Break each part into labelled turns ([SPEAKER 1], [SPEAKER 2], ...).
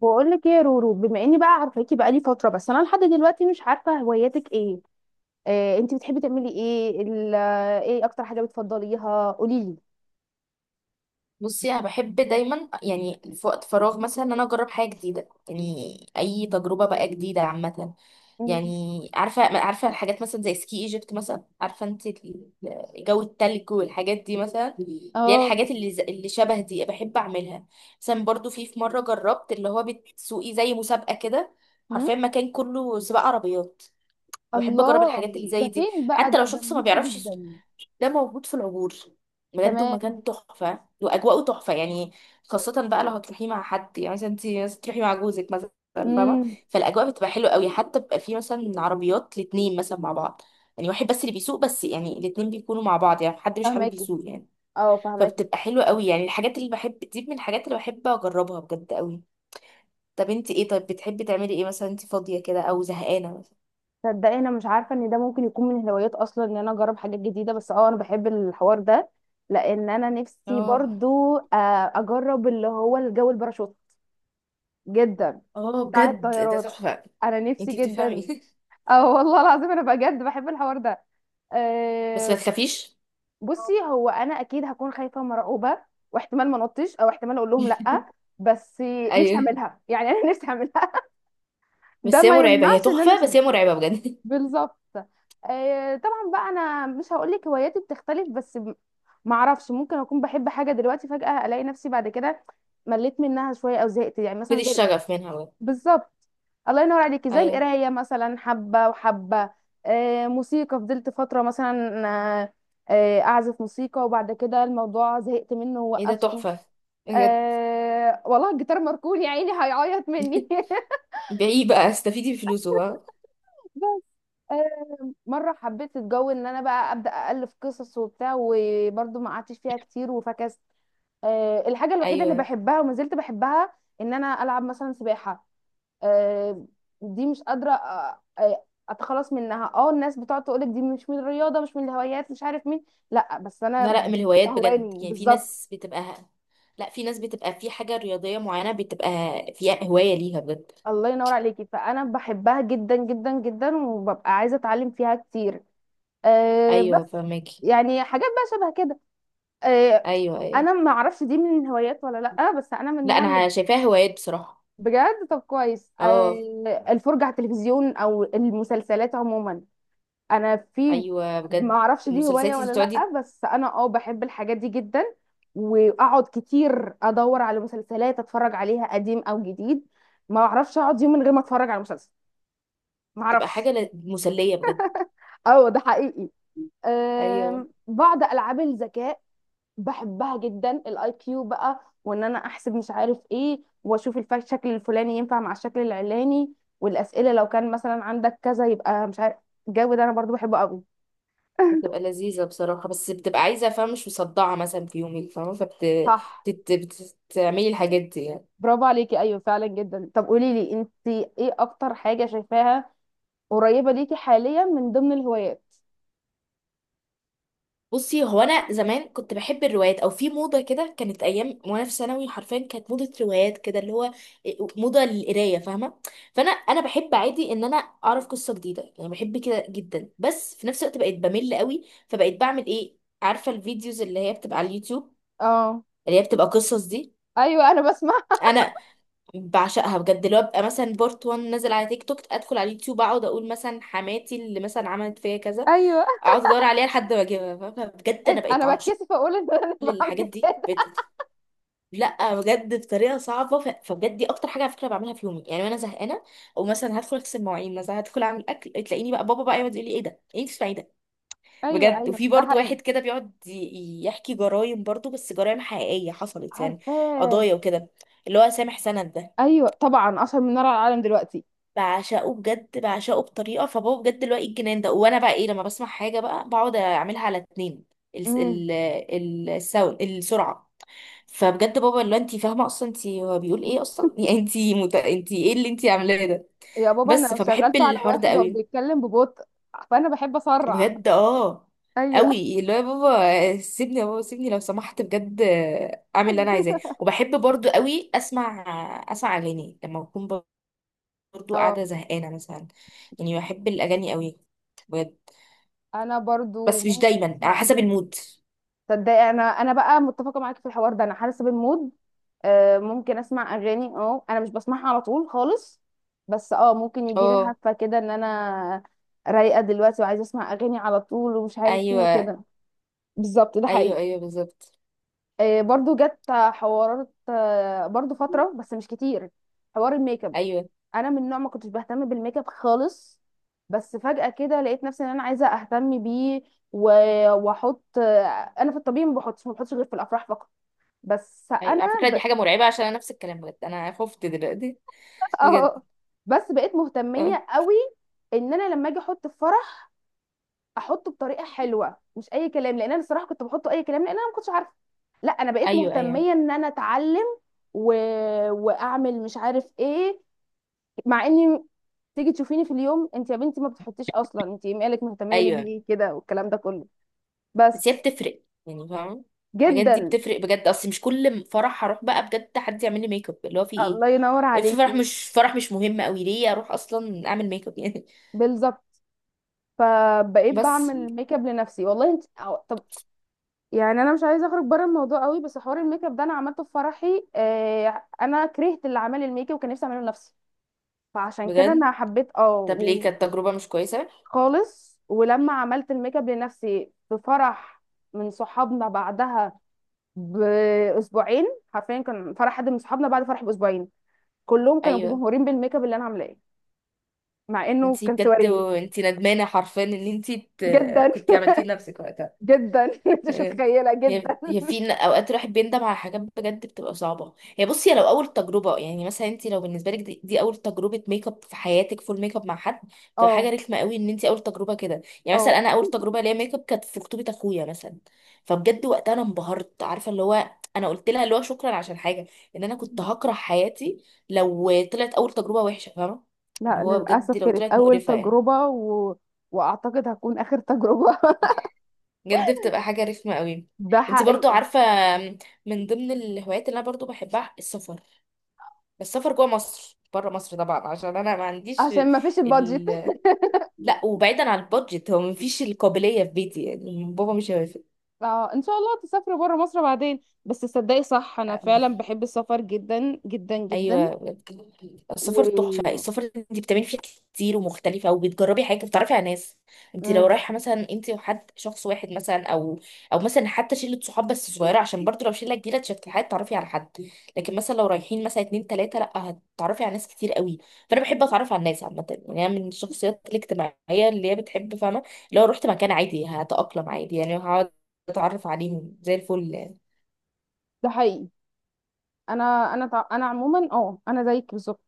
[SPEAKER 1] بقول لك ايه يا رورو، بما اني بقى عارفاكي بقالي فتره، بس انا لحد دلوقتي مش عارفه هواياتك ايه؟ انت بتحبي تعملي ايه ايه اكتر حاجه بتفضليها؟ قولي لي.
[SPEAKER 2] بصي، انا بحب دايما يعني في وقت فراغ مثلا ان انا اجرب حاجه جديده، يعني اي تجربه بقى جديده عامه.
[SPEAKER 1] مم.
[SPEAKER 2] يعني عارفه الحاجات مثلا زي سكي ايجيبت مثلا. عارفه انت جو التلج والحاجات دي، مثلا اللي هي
[SPEAKER 1] اه.
[SPEAKER 2] الحاجات اللي اللي شبه دي بحب اعملها. مثلا برضو في مره جربت اللي هو بتسوقي زي مسابقه كده،
[SPEAKER 1] هم؟
[SPEAKER 2] حرفيا مكان كله سباق عربيات. بحب اجرب
[SPEAKER 1] الله.
[SPEAKER 2] الحاجات اللي
[SPEAKER 1] ده
[SPEAKER 2] زي دي
[SPEAKER 1] فين بقى؟
[SPEAKER 2] حتى
[SPEAKER 1] ده
[SPEAKER 2] لو
[SPEAKER 1] ده
[SPEAKER 2] شخص
[SPEAKER 1] أنا
[SPEAKER 2] ما
[SPEAKER 1] نفسي
[SPEAKER 2] بيعرفش
[SPEAKER 1] جدا.
[SPEAKER 2] ده موجود في العبور بجد،
[SPEAKER 1] تمام.
[SPEAKER 2] ومكان تحفة وأجواءه تحفة يعني. خاصة بقى لو هتروحي مع حد، يعني مثلا انت مثلا تروحي مع جوزك مثلا، فاهمة؟
[SPEAKER 1] امم.
[SPEAKER 2] فالأجواء بتبقى حلوة قوي، حتى بيبقى في مثلا عربيات الاتنين مثلا مع بعض، يعني واحد بس اللي بيسوق، بس يعني الاتنين بيكونوا مع بعض، يعني حد مش حابب
[SPEAKER 1] فهماكي.
[SPEAKER 2] يسوق يعني.
[SPEAKER 1] اه، فهماكي.
[SPEAKER 2] فبتبقى حلوة قوي يعني. الحاجات اللي بحب دي من الحاجات اللي بحب أجربها بجد قوي. طب انت ايه؟ طيب بتحبي تعملي ايه مثلا انت فاضية كده أو زهقانة مثلا؟
[SPEAKER 1] تصدقي، انا مش عارفه ان ده ممكن يكون من الهوايات اصلا، ان انا اجرب حاجات جديده، بس انا بحب الحوار ده. لان انا نفسي
[SPEAKER 2] اه.
[SPEAKER 1] برضو اجرب اللي هو الجو الباراشوت جدا.
[SPEAKER 2] اه
[SPEAKER 1] بتاع
[SPEAKER 2] بجد ده
[SPEAKER 1] الطيارات.
[SPEAKER 2] تحفة.
[SPEAKER 1] انا نفسي
[SPEAKER 2] انتي
[SPEAKER 1] جدا.
[SPEAKER 2] بتفهمي
[SPEAKER 1] اه، والله العظيم انا بجد بحب الحوار ده.
[SPEAKER 2] بس ما
[SPEAKER 1] أه.
[SPEAKER 2] تخافيش.
[SPEAKER 1] بصي، هو انا اكيد هكون خايفه ومرعوبه، واحتمال ما نطش، او احتمال اقول لهم لا. بس نفسي
[SPEAKER 2] ايوه.
[SPEAKER 1] اعملها يعني. انا نفسي اعملها. ده
[SPEAKER 2] بس هي
[SPEAKER 1] ما
[SPEAKER 2] مرعبة، هي
[SPEAKER 1] يمنعش ان انا
[SPEAKER 2] تحفة
[SPEAKER 1] نفسي
[SPEAKER 2] بس
[SPEAKER 1] أعملها.
[SPEAKER 2] هي مرعبة بجد.
[SPEAKER 1] بالظبط. أه، طبعا بقى انا مش هقول لك هواياتي بتختلف، بس ما اعرفش، ممكن اكون بحب حاجه دلوقتي فجاه الاقي نفسي بعد كده مليت منها شويه او زهقت يعني
[SPEAKER 2] خدي
[SPEAKER 1] مثلا.
[SPEAKER 2] الشغف منها بجد.
[SPEAKER 1] بالظبط. الله ينور عليكي. زي
[SPEAKER 2] ايوه.
[SPEAKER 1] القرايه مثلا، حبه وحبه. موسيقى فضلت فتره مثلا. آه. اعزف موسيقى، وبعد كده الموضوع زهقت منه
[SPEAKER 2] ايه ده
[SPEAKER 1] ووقفته.
[SPEAKER 2] تحفة، بجد.
[SPEAKER 1] آه، والله الجيتار مركون، يا عيني هيعيط مني.
[SPEAKER 2] بيعيه بقى، استفيدي بفلوسه بقى.
[SPEAKER 1] بس. مره حبيت الجو ان انا بقى ابدا الف قصص وبتاع، وبرضه ما قعدتش فيها كتير وفكست. الحاجه الوحيده اللي
[SPEAKER 2] ايوه.
[SPEAKER 1] بحبها وما زلت بحبها، ان انا العب مثلا سباحه. آه. دي مش قادرة اتخلص منها. اه الناس بتقعد تقولك دي مش من الرياضة، مش من الهوايات، مش عارف مين. لا بس انا
[SPEAKER 2] لا لا من الهوايات بجد،
[SPEAKER 1] بتستهواني
[SPEAKER 2] يعني في
[SPEAKER 1] بالظبط.
[SPEAKER 2] ناس بتبقى، لا في ناس بتبقى في حاجة رياضية معينة، بتبقى فيها هواية ليها بجد.
[SPEAKER 1] الله ينور عليكي، فانا بحبها جدا جدا جدا، وببقى عايزة اتعلم فيها كتير. أه بس.
[SPEAKER 2] ايوه فهماكي.
[SPEAKER 1] يعني حاجات بقى شبه كده. أه.
[SPEAKER 2] ايوه ايوه.
[SPEAKER 1] انا ما اعرفش دي من الهوايات ولا لا، بس انا من
[SPEAKER 2] لا
[SPEAKER 1] النوع اللي.
[SPEAKER 2] انا شايفاها هوايات بصراحة.
[SPEAKER 1] بجد؟ طب كويس.
[SPEAKER 2] اه.
[SPEAKER 1] الفرجة على التلفزيون او المسلسلات عموما. انا في.
[SPEAKER 2] ايوه
[SPEAKER 1] ما
[SPEAKER 2] بجد.
[SPEAKER 1] اعرفش دي
[SPEAKER 2] المسلسلات
[SPEAKER 1] هواية
[SPEAKER 2] انتي
[SPEAKER 1] ولا
[SPEAKER 2] بتقعدي.
[SPEAKER 1] لأ، بس انا بحب الحاجات دي جدا. واقعد كتير ادور على مسلسلات اتفرج عليها قديم او جديد. ما اعرفش اقعد يوم من غير ما اتفرج على مسلسل. ما
[SPEAKER 2] تبقى
[SPEAKER 1] اعرفش.
[SPEAKER 2] حاجة مسلية بجد.
[SPEAKER 1] اه، ده حقيقي.
[SPEAKER 2] ايوه
[SPEAKER 1] بعض العاب الذكاء بحبها جدا، الـIQ بقى، وان انا احسب مش عارف ايه، واشوف الشكل الفلاني ينفع مع الشكل العلاني، والاسئله لو كان مثلا عندك كذا يبقى مش عارف. الجو ده انا برضو بحبه قوي.
[SPEAKER 2] بتبقى لذيذة بصراحة، بس بتبقى عايزة فاهمة، مش مصدعة مثلا في يومك، فاهمة؟
[SPEAKER 1] صح.
[SPEAKER 2] فبتعملي الحاجات دي يعني.
[SPEAKER 1] برافو عليكي، ايوه فعلا جدا. طب قولي لي، انت ايه اكتر حاجه شايفاها قريبه ليكي حاليا من ضمن الهوايات؟
[SPEAKER 2] بصي، هو أنا زمان كنت بحب الروايات، أو في موضة كده كانت أيام وأنا في ثانوي، حرفيا كانت موضة روايات كده، اللي هو موضة للقراية، فاهمة؟ فأنا بحب عادي إن أنا أعرف قصة جديدة، يعني بحب كده جدا. بس في نفس الوقت بقيت بمل قوي، فبقيت بعمل إيه؟ عارفة الفيديوز اللي هي بتبقى على اليوتيوب،
[SPEAKER 1] اه.
[SPEAKER 2] اللي هي بتبقى قصص دي.
[SPEAKER 1] ايوه انا بسمع.
[SPEAKER 2] انا بعشقها بجد، اللي هو ببقى مثلا بارت 1 نازل على تيك توك، ادخل على اليوتيوب اقعد اقول مثلا حماتي اللي مثلا عملت فيا كذا،
[SPEAKER 1] ايوه.
[SPEAKER 2] اقعد ادور عليها لحد ما اجيبها، فاهمة؟ بجد انا
[SPEAKER 1] إيه،
[SPEAKER 2] بقيت
[SPEAKER 1] انا
[SPEAKER 2] عاشق
[SPEAKER 1] بتكسف اقول ان انا
[SPEAKER 2] للحاجات
[SPEAKER 1] بعمل
[SPEAKER 2] دي.
[SPEAKER 1] كده.
[SPEAKER 2] بقيت لا بجد بطريقه صعبه فبجد دي اكتر حاجه على فكره بعملها في يومي يعني، وانا زهقانه او مثلا هدخل اغسل مواعين، مثلا هدخل اعمل اكل، تلاقيني بقى بابا بقى يقعد يقول لي ايه ده، ايه اللي بتسمعي ده؟
[SPEAKER 1] ايوه،
[SPEAKER 2] بجد.
[SPEAKER 1] ايوه،
[SPEAKER 2] وفي
[SPEAKER 1] ده
[SPEAKER 2] برضو
[SPEAKER 1] حقيقي.
[SPEAKER 2] واحد كده بيقعد يحكي جرايم، برضو بس جرايم حقيقيه حصلت يعني،
[SPEAKER 1] عارفاه.
[SPEAKER 2] قضايا وكده، اللي هو سامح سند ده.
[SPEAKER 1] ايوه طبعا، اشهر من نار على العالم دلوقتي.
[SPEAKER 2] بعشقه بجد، بعشقه بطريقه. فبابا بجد دلوقتي الجنان ده، وانا بقى ايه لما بسمع حاجه بقى بقعد اعملها على اتنين، ال
[SPEAKER 1] امم.
[SPEAKER 2] ال ال الساوند السرعه. فبجد بابا اللي هو انت فاهمه اصلا، انت هو بيقول ايه اصلا يعني انت ايه اللي انت عاملاه ده؟
[SPEAKER 1] يا بابا، انا
[SPEAKER 2] بس
[SPEAKER 1] لو
[SPEAKER 2] فبحب
[SPEAKER 1] شغلته على
[SPEAKER 2] الحوار ده
[SPEAKER 1] واحد هو
[SPEAKER 2] قوي
[SPEAKER 1] بيتكلم ببطء، فانا بحب اسرع.
[SPEAKER 2] بجد. اه
[SPEAKER 1] ايوه.
[SPEAKER 2] قوي، اللي هو يا بابا سيبني، يا بابا سيبني لو سمحت بجد، اعمل اللي انا عايزاه. وبحب برضو قوي اسمع اغاني لما اكون برضو
[SPEAKER 1] اه،
[SPEAKER 2] قاعدة زهقانة مثلا، يعني بحب الأغاني قوي بجد.
[SPEAKER 1] انا برضو
[SPEAKER 2] بس مش
[SPEAKER 1] ممكن
[SPEAKER 2] دايما، على
[SPEAKER 1] اسمع
[SPEAKER 2] حسب
[SPEAKER 1] اغاني.
[SPEAKER 2] المود.
[SPEAKER 1] تصدقي، انا بقى متفقه معاكي في الحوار ده، انا حاسه بالمود. ممكن اسمع اغاني، انا مش بسمعها على طول خالص. بس ممكن يجي لي
[SPEAKER 2] اه.
[SPEAKER 1] هفه كده ان انا رايقه دلوقتي وعايزه اسمع اغاني على طول ومش عارف فين
[SPEAKER 2] ايوه
[SPEAKER 1] وكده. بالظبط، ده
[SPEAKER 2] ايوه.
[SPEAKER 1] حقيقي.
[SPEAKER 2] ايوه بالظبط.
[SPEAKER 1] برضو جت حوارات برضو فتره، بس مش كتير. حوار الميك اب.
[SPEAKER 2] ايوه
[SPEAKER 1] انا من نوع ما كنتش بهتم بالميك اب خالص. بس فجاه كده لقيت نفسي ان انا عايزه اهتم بيه. واحط انا في الطبيعي ما بحطش غير في الافراح فقط. بس
[SPEAKER 2] ايوه.
[SPEAKER 1] انا
[SPEAKER 2] على فكرة دي حاجة مرعبة، عشان انا نفس الكلام. بجد انا خفت دلوقتي بجد.
[SPEAKER 1] اه، بس بقيت
[SPEAKER 2] اه.
[SPEAKER 1] مهتميه قوي، ان انا لما اجي احط في فرح احطه بطريقه حلوه، مش اي كلام، لان انا الصراحه كنت بحطه اي كلام، لان انا ما كنتش عارفه. لا، انا بقيت
[SPEAKER 2] ايوه ايوه.
[SPEAKER 1] مهتميه ان انا اتعلم و... واعمل مش عارف ايه. مع اني تيجي تشوفيني في اليوم انت يا بنتي ما بتحطيش اصلا، انت مالك مهتميه ليه
[SPEAKER 2] ايوه
[SPEAKER 1] بيه كده والكلام ده كله،
[SPEAKER 2] بس هي
[SPEAKER 1] بس
[SPEAKER 2] بتفرق يعني، فاهم؟ الحاجات دي
[SPEAKER 1] جدا.
[SPEAKER 2] بتفرق بجد. اصل مش كل فرح هروح بقى بجد حد يعمل لي ميك اب، اللي هو في ايه؟
[SPEAKER 1] الله ينور
[SPEAKER 2] إيه، في فرح
[SPEAKER 1] عليكي.
[SPEAKER 2] مش فرح مش مهم قوي ليه اروح اصلا اعمل ميك اب يعني؟
[SPEAKER 1] بالظبط. فبقيت
[SPEAKER 2] بس
[SPEAKER 1] بعمل ميك اب لنفسي والله، انت طب. يعني انا مش عايزه اخرج بره الموضوع قوي، بس حوار الميك اب ده انا عملته في فرحي، انا كرهت اللي عمل الميك اب وكان نفسي اعمله لنفسي. فعشان كده
[SPEAKER 2] بجد،
[SPEAKER 1] انا حبيت
[SPEAKER 2] طب ليه، كانت تجربة مش كويسة؟
[SPEAKER 1] خالص. ولما عملت الميك اب لنفسي في فرح من صحابنا بعدها باسبوعين، حرفيا كان فرح حد من صحابنا بعد فرح باسبوعين، كلهم كانوا
[SPEAKER 2] ايوه
[SPEAKER 1] مبهورين بالميك اب اللي انا عاملاه، مع انه
[SPEAKER 2] انتي
[SPEAKER 1] كان
[SPEAKER 2] بجد
[SPEAKER 1] سواريه.
[SPEAKER 2] انتي ندمانة حرفيا ان
[SPEAKER 1] جدا.
[SPEAKER 2] كنتي عملتيه لنفسك وقتها.
[SPEAKER 1] جدا. انت مش متخيله
[SPEAKER 2] هي
[SPEAKER 1] جدا.
[SPEAKER 2] هي في اوقات الواحد بيندم على حاجات بجد بتبقى صعبة. هي بصي، هي لو اول تجربة، يعني مثلا انتي لو بالنسبة لك دي اول تجربة ميك اب في حياتك، فول ميك اب مع حد، بتبقى
[SPEAKER 1] اه،
[SPEAKER 2] حاجة رخمة قوي ان انتي اول تجربة كده. يعني
[SPEAKER 1] اه.
[SPEAKER 2] مثلا انا اول تجربة ليا ميك اب كانت في خطوبة اخويا مثلا، فبجد وقتها انا انبهرت، عارفة اللي هو انا قلت لها اللي هو شكرا عشان حاجة، ان انا كنت هكره حياتي لو طلعت اول تجربة وحشة، فاهمة؟ اللي
[SPEAKER 1] لا
[SPEAKER 2] هو بجد
[SPEAKER 1] للأسف
[SPEAKER 2] لو
[SPEAKER 1] كانت
[SPEAKER 2] طلعت
[SPEAKER 1] أول
[SPEAKER 2] مقرفة يعني،
[SPEAKER 1] تجربة وأعتقد هتكون آخر تجربة.
[SPEAKER 2] بجد بتبقى حاجة رخمة قوي.
[SPEAKER 1] ده
[SPEAKER 2] انت برضو
[SPEAKER 1] حقيقي.
[SPEAKER 2] عارفة. من ضمن الهوايات اللي انا برضو بحبها السفر، بس السفر جوه مصر، بره مصر طبعا عشان انا ما عنديش
[SPEAKER 1] عشان ما فيش البادجت.
[SPEAKER 2] ال... لا وبعيدا عن البادجت، هو مفيش القابلية في بيتي، يعني بابا مش
[SPEAKER 1] فإن شاء الله تسافري بره مصر بعدين. بس تصدقي، صح، أنا فعلا
[SPEAKER 2] هيوافق.
[SPEAKER 1] بحب السفر جدا جدا جدا.
[SPEAKER 2] ايوه. السفر تحفه.
[SPEAKER 1] و.
[SPEAKER 2] السفر انت بتعملي فيه حاجات كتير ومختلفه، وبتجربي حاجه، بتتعرفي على ناس. انت لو
[SPEAKER 1] مم.
[SPEAKER 2] رايحه مثلا انت وحد، شخص واحد مثلا، او او مثلا حتى شله صحاب بس صغيره، عشان برضو لو شله كبيره تشكل، تعرفي على حد. لكن مثلا لو رايحين مثلا اتنين تلاته، لا هتتعرفي على ناس كتير قوي. فانا بحب اتعرف على الناس عامه، يعني انا من الشخصيات الاجتماعيه اللي هي بتحب، فاهمه؟ لو رحت مكان عادي هتاقلم عادي، يعني هقعد اتعرف عليهم زي الفل يعني.
[SPEAKER 1] ده حقيقي. أنا عموما أنا زيك بالظبط،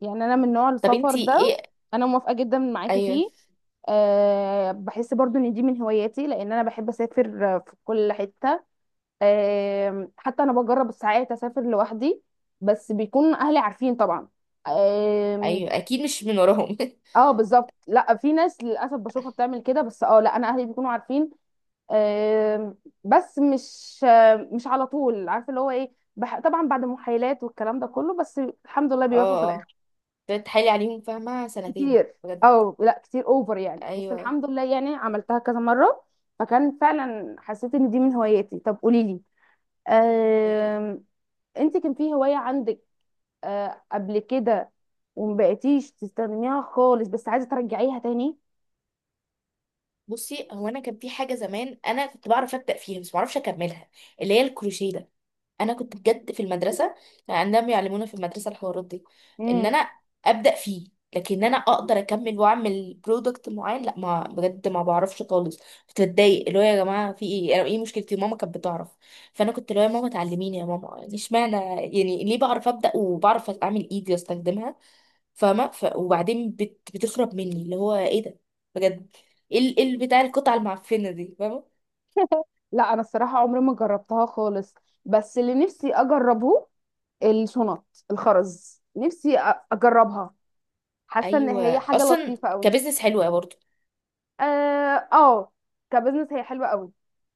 [SPEAKER 1] يعني أنا من نوع
[SPEAKER 2] طب
[SPEAKER 1] السفر
[SPEAKER 2] انت
[SPEAKER 1] ده.
[SPEAKER 2] ايه؟
[SPEAKER 1] أنا موافقة جدا معاكي
[SPEAKER 2] ايوه.
[SPEAKER 1] فيه. أه، بحس برضو إن دي من هواياتي، لأن أنا بحب أسافر في كل حتة. حتى انا بجرب ساعات اسافر لوحدي، بس بيكون اهلي عارفين طبعا. آم.
[SPEAKER 2] ايوه اكيد مش من وراهم
[SPEAKER 1] اه بالظبط، لا في ناس للاسف بشوفها بتعمل كده، بس لا انا اهلي بيكونوا عارفين. آم. بس مش مش على طول عارفه اللي هو ايه طبعا بعد محايلات والكلام ده كله، بس الحمد لله
[SPEAKER 2] اه
[SPEAKER 1] بيوافقوا في الاخر.
[SPEAKER 2] اه، ابتديت اتحايل عليهم فاهمة سنتين
[SPEAKER 1] كتير.
[SPEAKER 2] بجد.
[SPEAKER 1] اه، لا كتير اوفر يعني، بس
[SPEAKER 2] ايوه
[SPEAKER 1] الحمد لله يعني عملتها كذا مره، فكان فعلا حسيت ان دي من هواياتي. طب قولي لي،
[SPEAKER 2] قولي.
[SPEAKER 1] آم، انت كان في هوايه عندك قبل كده ومبقيتيش تستخدميها خالص بس عايزه ترجعيها تاني؟
[SPEAKER 2] بصي، هو انا كان في حاجة زمان انا كنت بعرف ابدأ فيها بس معرفش اكملها، اللي هي الكروشيه ده. انا كنت بجد في المدرسة، كان عندنا بيعلمونا في المدرسة الحوارات دي، ان
[SPEAKER 1] امم.
[SPEAKER 2] انا ابدأ فيه. لكن انا اقدر اكمل واعمل برودكت معين، لا ما بجد ما بعرفش خالص. كنت بتضايق، اللي هو يا جماعه في ايه، انا ايه مشكلتي؟ ماما كانت بتعرف، فانا كنت اللي هو يا ماما تعلميني يا ماما، يعني اشمعنى، يعني ليه بعرف ابدا وبعرف اعمل ايدي واستخدمها، فاهمة؟ وبعدين بتخرب مني، اللي هو ايه ده بجد؟ إيه بتاع القطعة المعفنة دي، فاهمة؟
[SPEAKER 1] لا انا الصراحه عمري ما جربتها خالص. بس اللي نفسي اجربه، الشنط الخرز، نفسي اجربها. حاسه ان هي
[SPEAKER 2] ايوه
[SPEAKER 1] حاجه
[SPEAKER 2] اصلا
[SPEAKER 1] لطيفه قوي.
[SPEAKER 2] كبزنس حلوة برضه.
[SPEAKER 1] اه. آه، كبزنس هي حلوه قوي.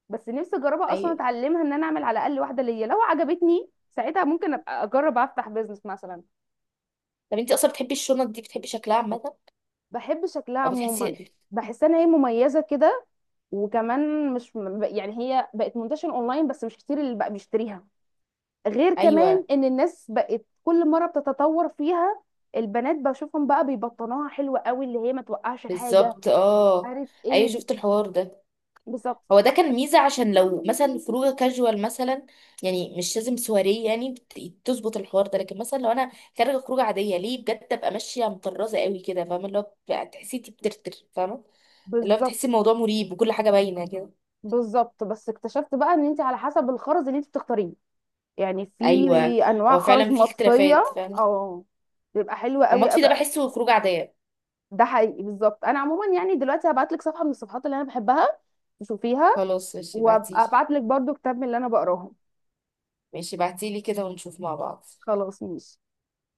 [SPEAKER 1] بس نفسي اجربها اصلا،
[SPEAKER 2] ايوه.
[SPEAKER 1] اتعلمها ان انا اعمل على الاقل واحده ليا، لو عجبتني ساعتها ممكن ابقى اجرب افتح بزنس مثلا.
[SPEAKER 2] طب انت اصلا بتحبي الشنط دي، بتحبي شكلها عامة
[SPEAKER 1] بحب شكلها
[SPEAKER 2] او
[SPEAKER 1] عموما.
[SPEAKER 2] بتحسي؟
[SPEAKER 1] بحس ان هي مميزه كده. وكمان مش، يعني هي بقت منتشرة اونلاين، بس مش كتير اللي بقى بيشتريها. غير كمان
[SPEAKER 2] ايوه
[SPEAKER 1] ان الناس بقت كل مرة بتتطور فيها. البنات بشوفهم بقى بيبطنوها حلوة قوي، اللي هي ما توقعش الحاجة.
[SPEAKER 2] بالظبط. اه
[SPEAKER 1] عارف
[SPEAKER 2] ايوه
[SPEAKER 1] ايه
[SPEAKER 2] شفت الحوار ده.
[SPEAKER 1] بالظبط،
[SPEAKER 2] هو ده كان
[SPEAKER 1] عارفة إيه؟
[SPEAKER 2] ميزة، عشان لو مثلا خروجه كاجوال مثلا، يعني مش لازم سواريه، يعني تظبط الحوار ده. لكن مثلا لو انا خارجه خروجه عاديه، ليه بجد ابقى ماشيه مطرزه قوي كده، فاهمه؟ اللي هو بتبقى تحسي انتي بترتر، فاهمه؟ اللي هو
[SPEAKER 1] بالظبط.
[SPEAKER 2] بتحسي الموضوع مريب وكل حاجة باينة كده.
[SPEAKER 1] بالظبط، بس اكتشفت بقى ان انت على حسب الخرز اللي انت بتختاريه، يعني في
[SPEAKER 2] أيوة.
[SPEAKER 1] انواع
[SPEAKER 2] هو
[SPEAKER 1] خرز
[SPEAKER 2] فعلا في
[SPEAKER 1] مطفية.
[SPEAKER 2] اختلافات فعلا.
[SPEAKER 1] اه، بتبقى حلوة
[SPEAKER 2] هو
[SPEAKER 1] قوي
[SPEAKER 2] المطفي ده
[SPEAKER 1] قوي قوي.
[SPEAKER 2] بحسه خروج عادية.
[SPEAKER 1] ده حقيقي بالظبط. انا عموما يعني دلوقتي هبعت لك صفحة من الصفحات اللي انا بحبها تشوفيها،
[SPEAKER 2] خلاص ماشي
[SPEAKER 1] وابقى
[SPEAKER 2] بعتيلي.
[SPEAKER 1] ابعت لك برضو كتاب من اللي انا بقراهم.
[SPEAKER 2] ماشي بعتيلي كده ونشوف مع بعض.
[SPEAKER 1] خلاص ماشي.